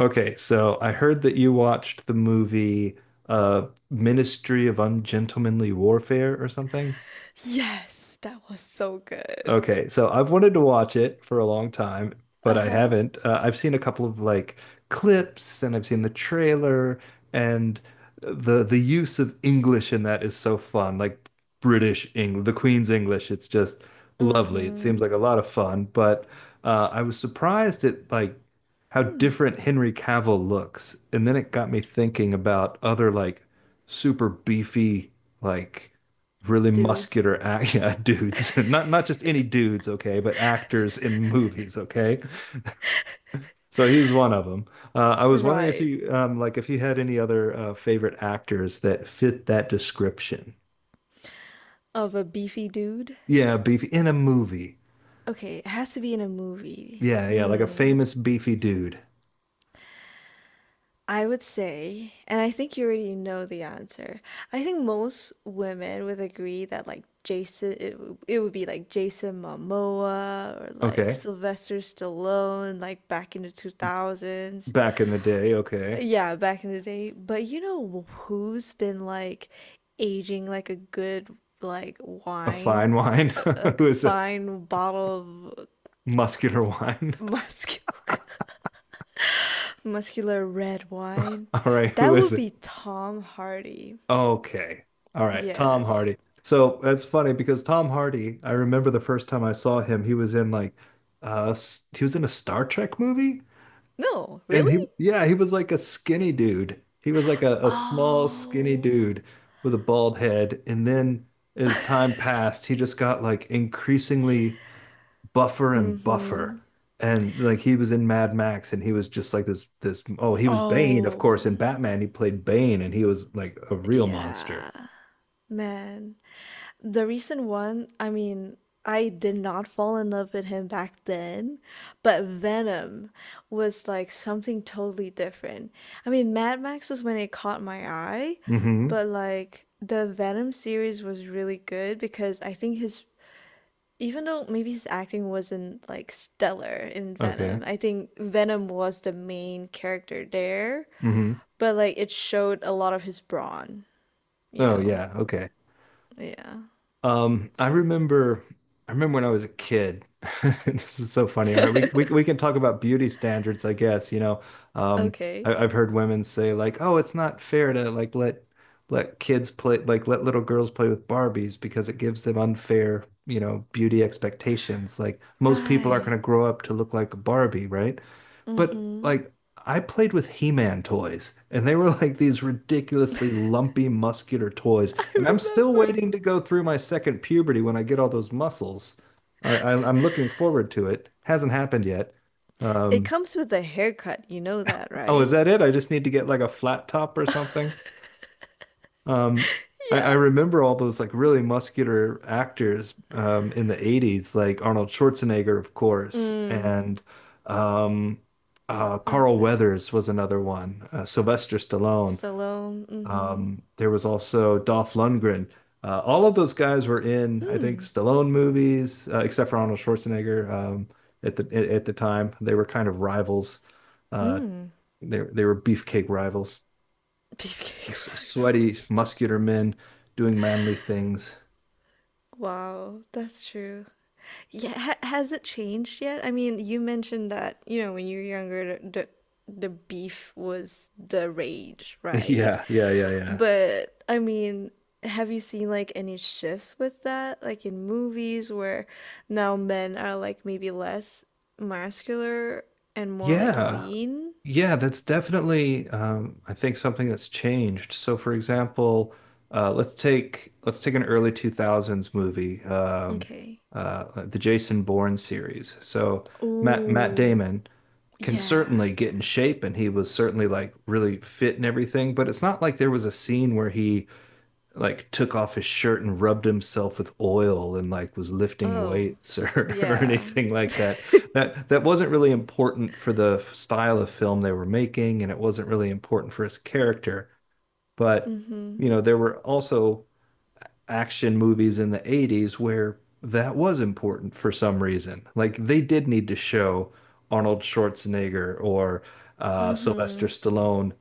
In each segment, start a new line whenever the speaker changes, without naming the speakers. Okay, so I heard that you watched the movie Ministry of Ungentlemanly Warfare or something.
Yes, that was so good.
Okay, so I've wanted to watch it for a long time, but
Uh
I
huh.
haven't. I've seen a couple of like clips, and I've seen the trailer and the use of English in that is so fun. Like British English, the Queen's English, it's just
Mm
lovely. It seems like
hmm.
a lot of fun, but I was surprised at like how different Henry Cavill looks. And then it got me thinking about other like super beefy like really
Dudes.
muscular yeah, dudes, not just any dudes, okay, but actors in movies, okay. So he's one of them. I was wondering if
Right.
you like if you had any other favorite actors that fit that description.
Of a beefy dude.
Yeah, beefy in a movie.
Okay, it has to be in a movie.
Yeah, yeah, like a famous beefy dude.
I would say, and I think you already know the answer. I think most women would agree that like it would be like Jason Momoa or like
Okay,
Sylvester Stallone, like back in the 2000s.
back in the day. Okay,
Yeah, back in the day. But you know who's been like aging like a good like
a fine
wine, like
wine.
like
Who is this?
fine bottle of
Muscular wine.
muscular muscular red wine?
All right, who
That
is
would
it?
be Tom Hardy.
Okay. All right. Tom
Yes.
Hardy. So that's funny, because Tom Hardy, I remember the first time I saw him, he was in like he was in a Star Trek movie
No,
and
really?
he, yeah, he was like a skinny dude. He was like a small skinny
Oh.
dude with a bald head, and then as time passed, he just got like increasingly buffer and
Mm-hmm.
buffer. And like he was in Mad Max and he was just like this oh, he was Bane, of course, in
Oh.
Batman he played Bane and he was like a real monster.
Yeah. Man. The recent one, I mean, I did not fall in love with him back then, but Venom was like something totally different. I mean, Mad Max was when it caught my eye,
Hmm.
but like the Venom series was really good because I think even though maybe his acting wasn't like stellar in
Okay.
Venom, I think Venom was the main character there,
Hmm.
but like it showed a lot of his brawn, you
Oh
know?
yeah. Okay.
Yeah.
Um, I remember I remember when I was a kid. This is so funny. All right, we can talk about beauty standards, I guess. You know, um,
Okay.
I've heard women say like, "Oh, it's not fair to like let kids play like let little girls play with Barbies because it gives them unfair, you know, beauty expectations. Like most people aren't going
Right.
to grow up to look like a Barbie, right? But
Mm-hmm.
like I played with He-Man toys and they were like these ridiculously lumpy muscular toys.
I
And I'm still
remember.
waiting to go through my second puberty when I get all those muscles. I'm looking forward to it. Hasn't happened yet.
It
Um,
comes with a haircut, you know that,
oh, is
right?
that it? I just need to get like a flat top or something. Um, I
Yeah.
remember all those like really muscular actors in the 80s, like Arnold Schwarzenegger, of course,
Mm.
and um, Carl
That's it.
Weathers was another one, Sylvester Stallone.
Salon. Mm-hmm.
There was also Dolph Lundgren. All of those guys were in, I think, Stallone movies, except for Arnold Schwarzenegger. At the at the time, they were kind of rivals. Uh, they were beefcake rivals,
Beefcake
sweaty,
rifles.
muscular men doing manly things.
Wow, that's true. Yeah, ha has it changed yet? I mean, you mentioned that, you know, when you were younger, the beef was the rage, right?
Yeah, yeah, yeah, yeah.
But I mean, have you seen like any shifts with that? Like in movies where now men are like maybe less muscular and more like
Yeah.
lean?
Yeah, that's definitely I think something that's changed. So for example, let's take an early 2000s movie,
Okay.
the Jason Bourne series. So Matt
Ooh,
Damon can
yeah.
certainly get in shape and he was certainly like really fit and everything, but it's not like there was a scene where he like took off his shirt and rubbed himself with oil and like was lifting
Oh,
weights or
yeah.
anything like that. That wasn't really important for the style of film they were making, and it wasn't really important for his character. But you
Mm-hmm.
know, there were also action movies in the 80s where that was important for some reason. Like they did need to show Arnold Schwarzenegger or Sylvester
Mm-hmm.
Stallone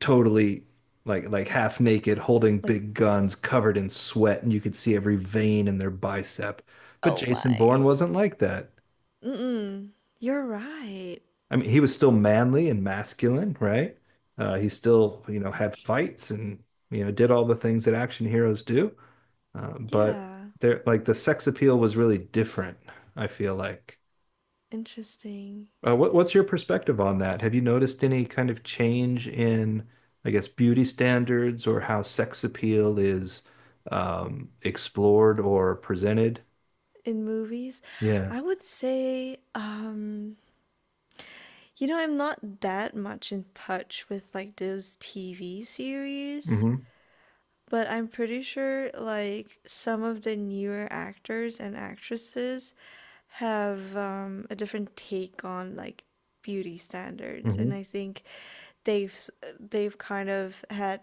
totally like half naked, holding
Like
big guns, covered in sweat, and you could see every vein in their bicep. But
oh
Jason Bourne
my.
wasn't like that.
Mm-mm. You're right.
I mean, he was still manly and masculine, right? He still, you know, had fights and, you know, did all the things that action heroes do. But
Yeah.
there, like the sex appeal was really different, I feel like.
Interesting.
What's your perspective on that? Have you noticed any kind of change in, I guess, beauty standards or how sex appeal is explored or presented?
In movies,
Yeah.
I would say, you know, I'm not that much in touch with like those TV series,
Hmm.
but I'm pretty sure like some of the newer actors and actresses have a different take on like beauty standards,
Hmm.
and I think they've they've kind of had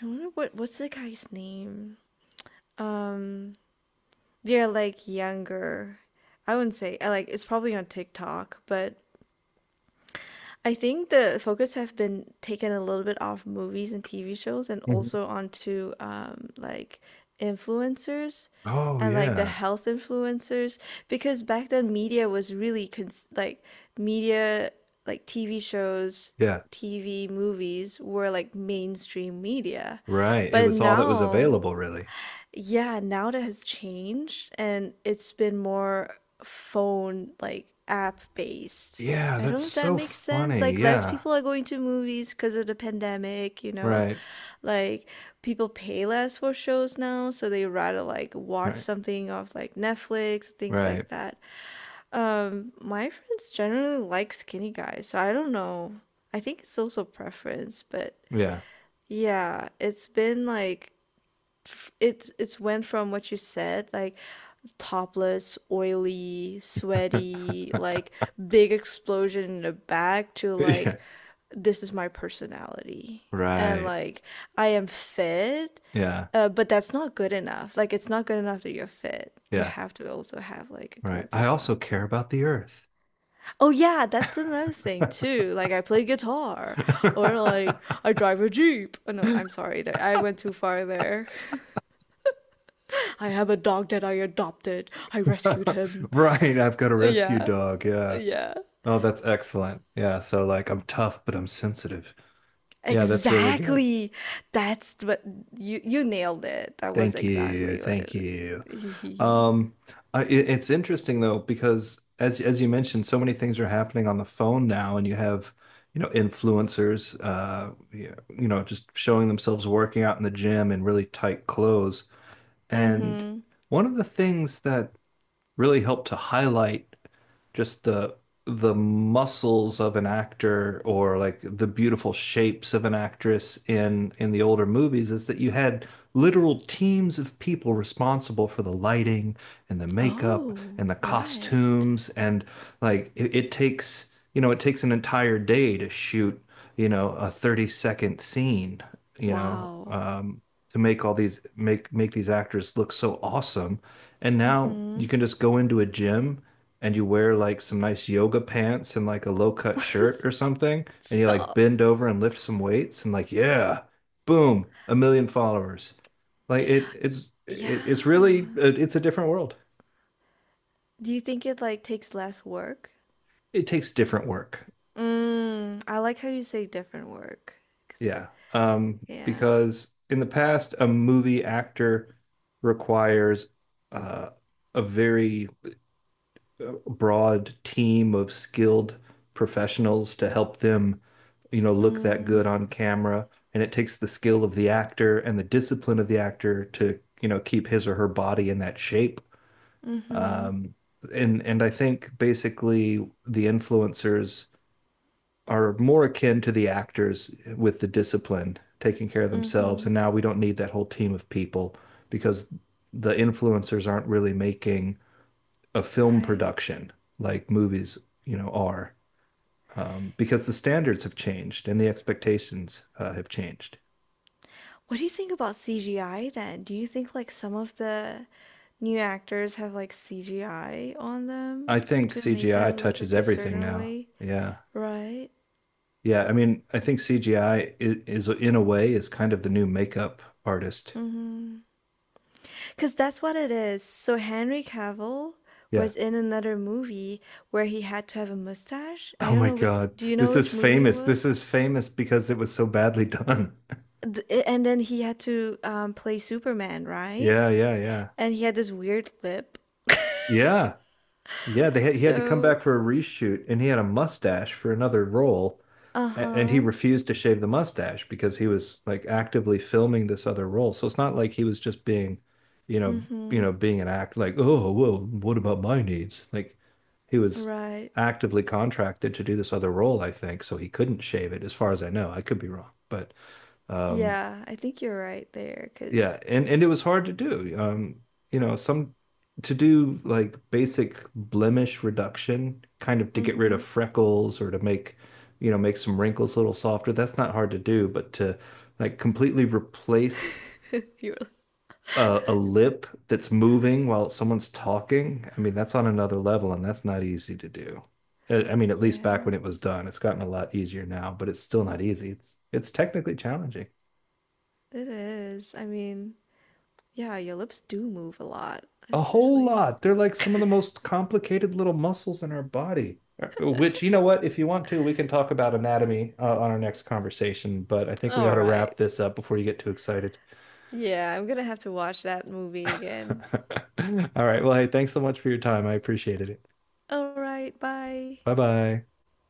I wonder what's the guy's name? Yeah, like younger. I wouldn't say I like it's probably on TikTok, but I think the focus have been taken a little bit off movies and TV shows and
Hmm.
also onto like influencers
Oh,
and like the
yeah.
health influencers because back then media was really cons like media like TV shows,
Yeah.
TV movies were like mainstream media.
Right. It
But
was all that was
now
available, really.
yeah, now it has changed and it's been more phone like app based.
Yeah,
I don't
that's
know if that
so
makes sense.
funny.
Like less
Yeah.
people are going to movies because of the pandemic, you know.
Right.
Like people pay less for shows now, so they rather like watch
Right.
something off like Netflix, things
Right.
like that. My friends generally like skinny guys, so I don't know. I think it's also preference, but
Yeah.
yeah, it's been like it's went from what you said like topless oily sweaty like big explosion in the back to
Yeah.
like this is my personality and
Right.
like I am fit
Yeah.
but that's not good enough like it's not good enough that you're fit you
Yeah.
have to also have like a
Right.
great
I also care
personality
about the earth.
oh yeah that's another thing too like I play guitar or like I drive a jeep oh no I'm sorry I went too far there I have a dog that I adopted. I rescued him.
Right. I've got a rescue
Yeah,
dog. Yeah.
yeah.
Oh, that's excellent. Yeah. So, like, I'm tough, but I'm sensitive. Yeah, that's really good.
Exactly. That's what you nailed it. That was
Thank you.
exactly what
Thank you.
it.
Um, it's interesting though, because as you mentioned, so many things are happening on the phone now, and you have, you know, influencers, yeah, you know, just showing themselves working out in the gym in really tight clothes. And
Mm-hmm.
one of the things that really help to highlight just the muscles of an actor or like the beautiful shapes of an actress in the older movies is that you had literal teams of people responsible for the lighting and the makeup
Oh,
and the
right.
costumes and like it takes, you know, it takes an entire day to shoot, you know, a 30-second scene, you know,
Wow.
to make all these make these actors look so awesome, and now
Mm-hmm.
you can just go into a gym and you wear like some nice yoga pants and like a low-cut shirt or something, and you like
Stop.
bend over and lift some weights and like, yeah, boom, a million followers. Like it's really
Yeah.
it's a different world.
Do you think it like takes less work?
It takes different work.
Mm, I like how you say different work. 'Cause,
Yeah.
yeah.
Because in the past, a movie actor requires uh, a very broad team of skilled professionals to help them, you know, look that
Mm,
good on camera. And it takes the skill of the actor and the discipline of the actor to, you know, keep his or her body in that shape.
mm-hmm.
Um, and I think basically the influencers are more akin to the actors with the discipline, taking care of themselves.
Mm-hmm.
And now we don't need that whole team of people because the influencers aren't really making a film
Right.
production like movies, you know, are because the standards have changed and the expectations have changed.
What do you think about CGI then? Do you think like some of the new actors have like CGI on them
I think
to make
CGI
them look
touches
like a
everything
certain
now.
way,
Yeah.
right?
Yeah. I mean, I think is in a way is kind of the new makeup artist.
Mm-hmm. Because that's what it is. So Henry Cavill
Yeah.
was in another movie where he had to have a mustache. I
Oh
don't
my
know which,
God.
do you know
This is
which movie it
famous. This
was?
is famous because it was so badly done.
And then he had to play Superman, right?
Yeah, yeah, yeah.
And he had this weird lip.
Yeah. Yeah, they had, he had to come back
So,
for a reshoot and he had a mustache for another role. And he
uh-huh.
refused to shave the mustache because he was like actively filming this other role. So it's not like he was just being, you
Mm-hmm.
know, being an act like, oh, well, what about my needs? Like he was
Right.
actively contracted to do this other role, I think, so he couldn't shave it, as far as I know. I could be wrong, but um,
Yeah, I think you're right there,
yeah,
'cause
and it was hard to do. You know, some to do like basic blemish reduction, kind of to get rid of
mhm.
freckles or to make, you know, make some wrinkles a little softer. That's not hard to do, but to like completely replace
You're like,
a lip that's moving while someone's talking, I mean, that's on another level, and that's not easy to do. I mean, at least back when
yeah,
it was done, it's gotten a lot easier now, but it's still not easy. It's technically challenging.
it is. I mean, yeah, your lips do move a lot,
A whole
especially.
lot. They're like some of the most complicated little muscles in our body. Which, you know what, if you want to, we can talk about anatomy on our next conversation, but I think we
All
ought to
right.
wrap this up before you get too excited.
Yeah, I'm gonna have to watch that movie
All
again.
right. Well, hey, thanks so much for your time. I appreciated it.
All right, bye.
Bye bye.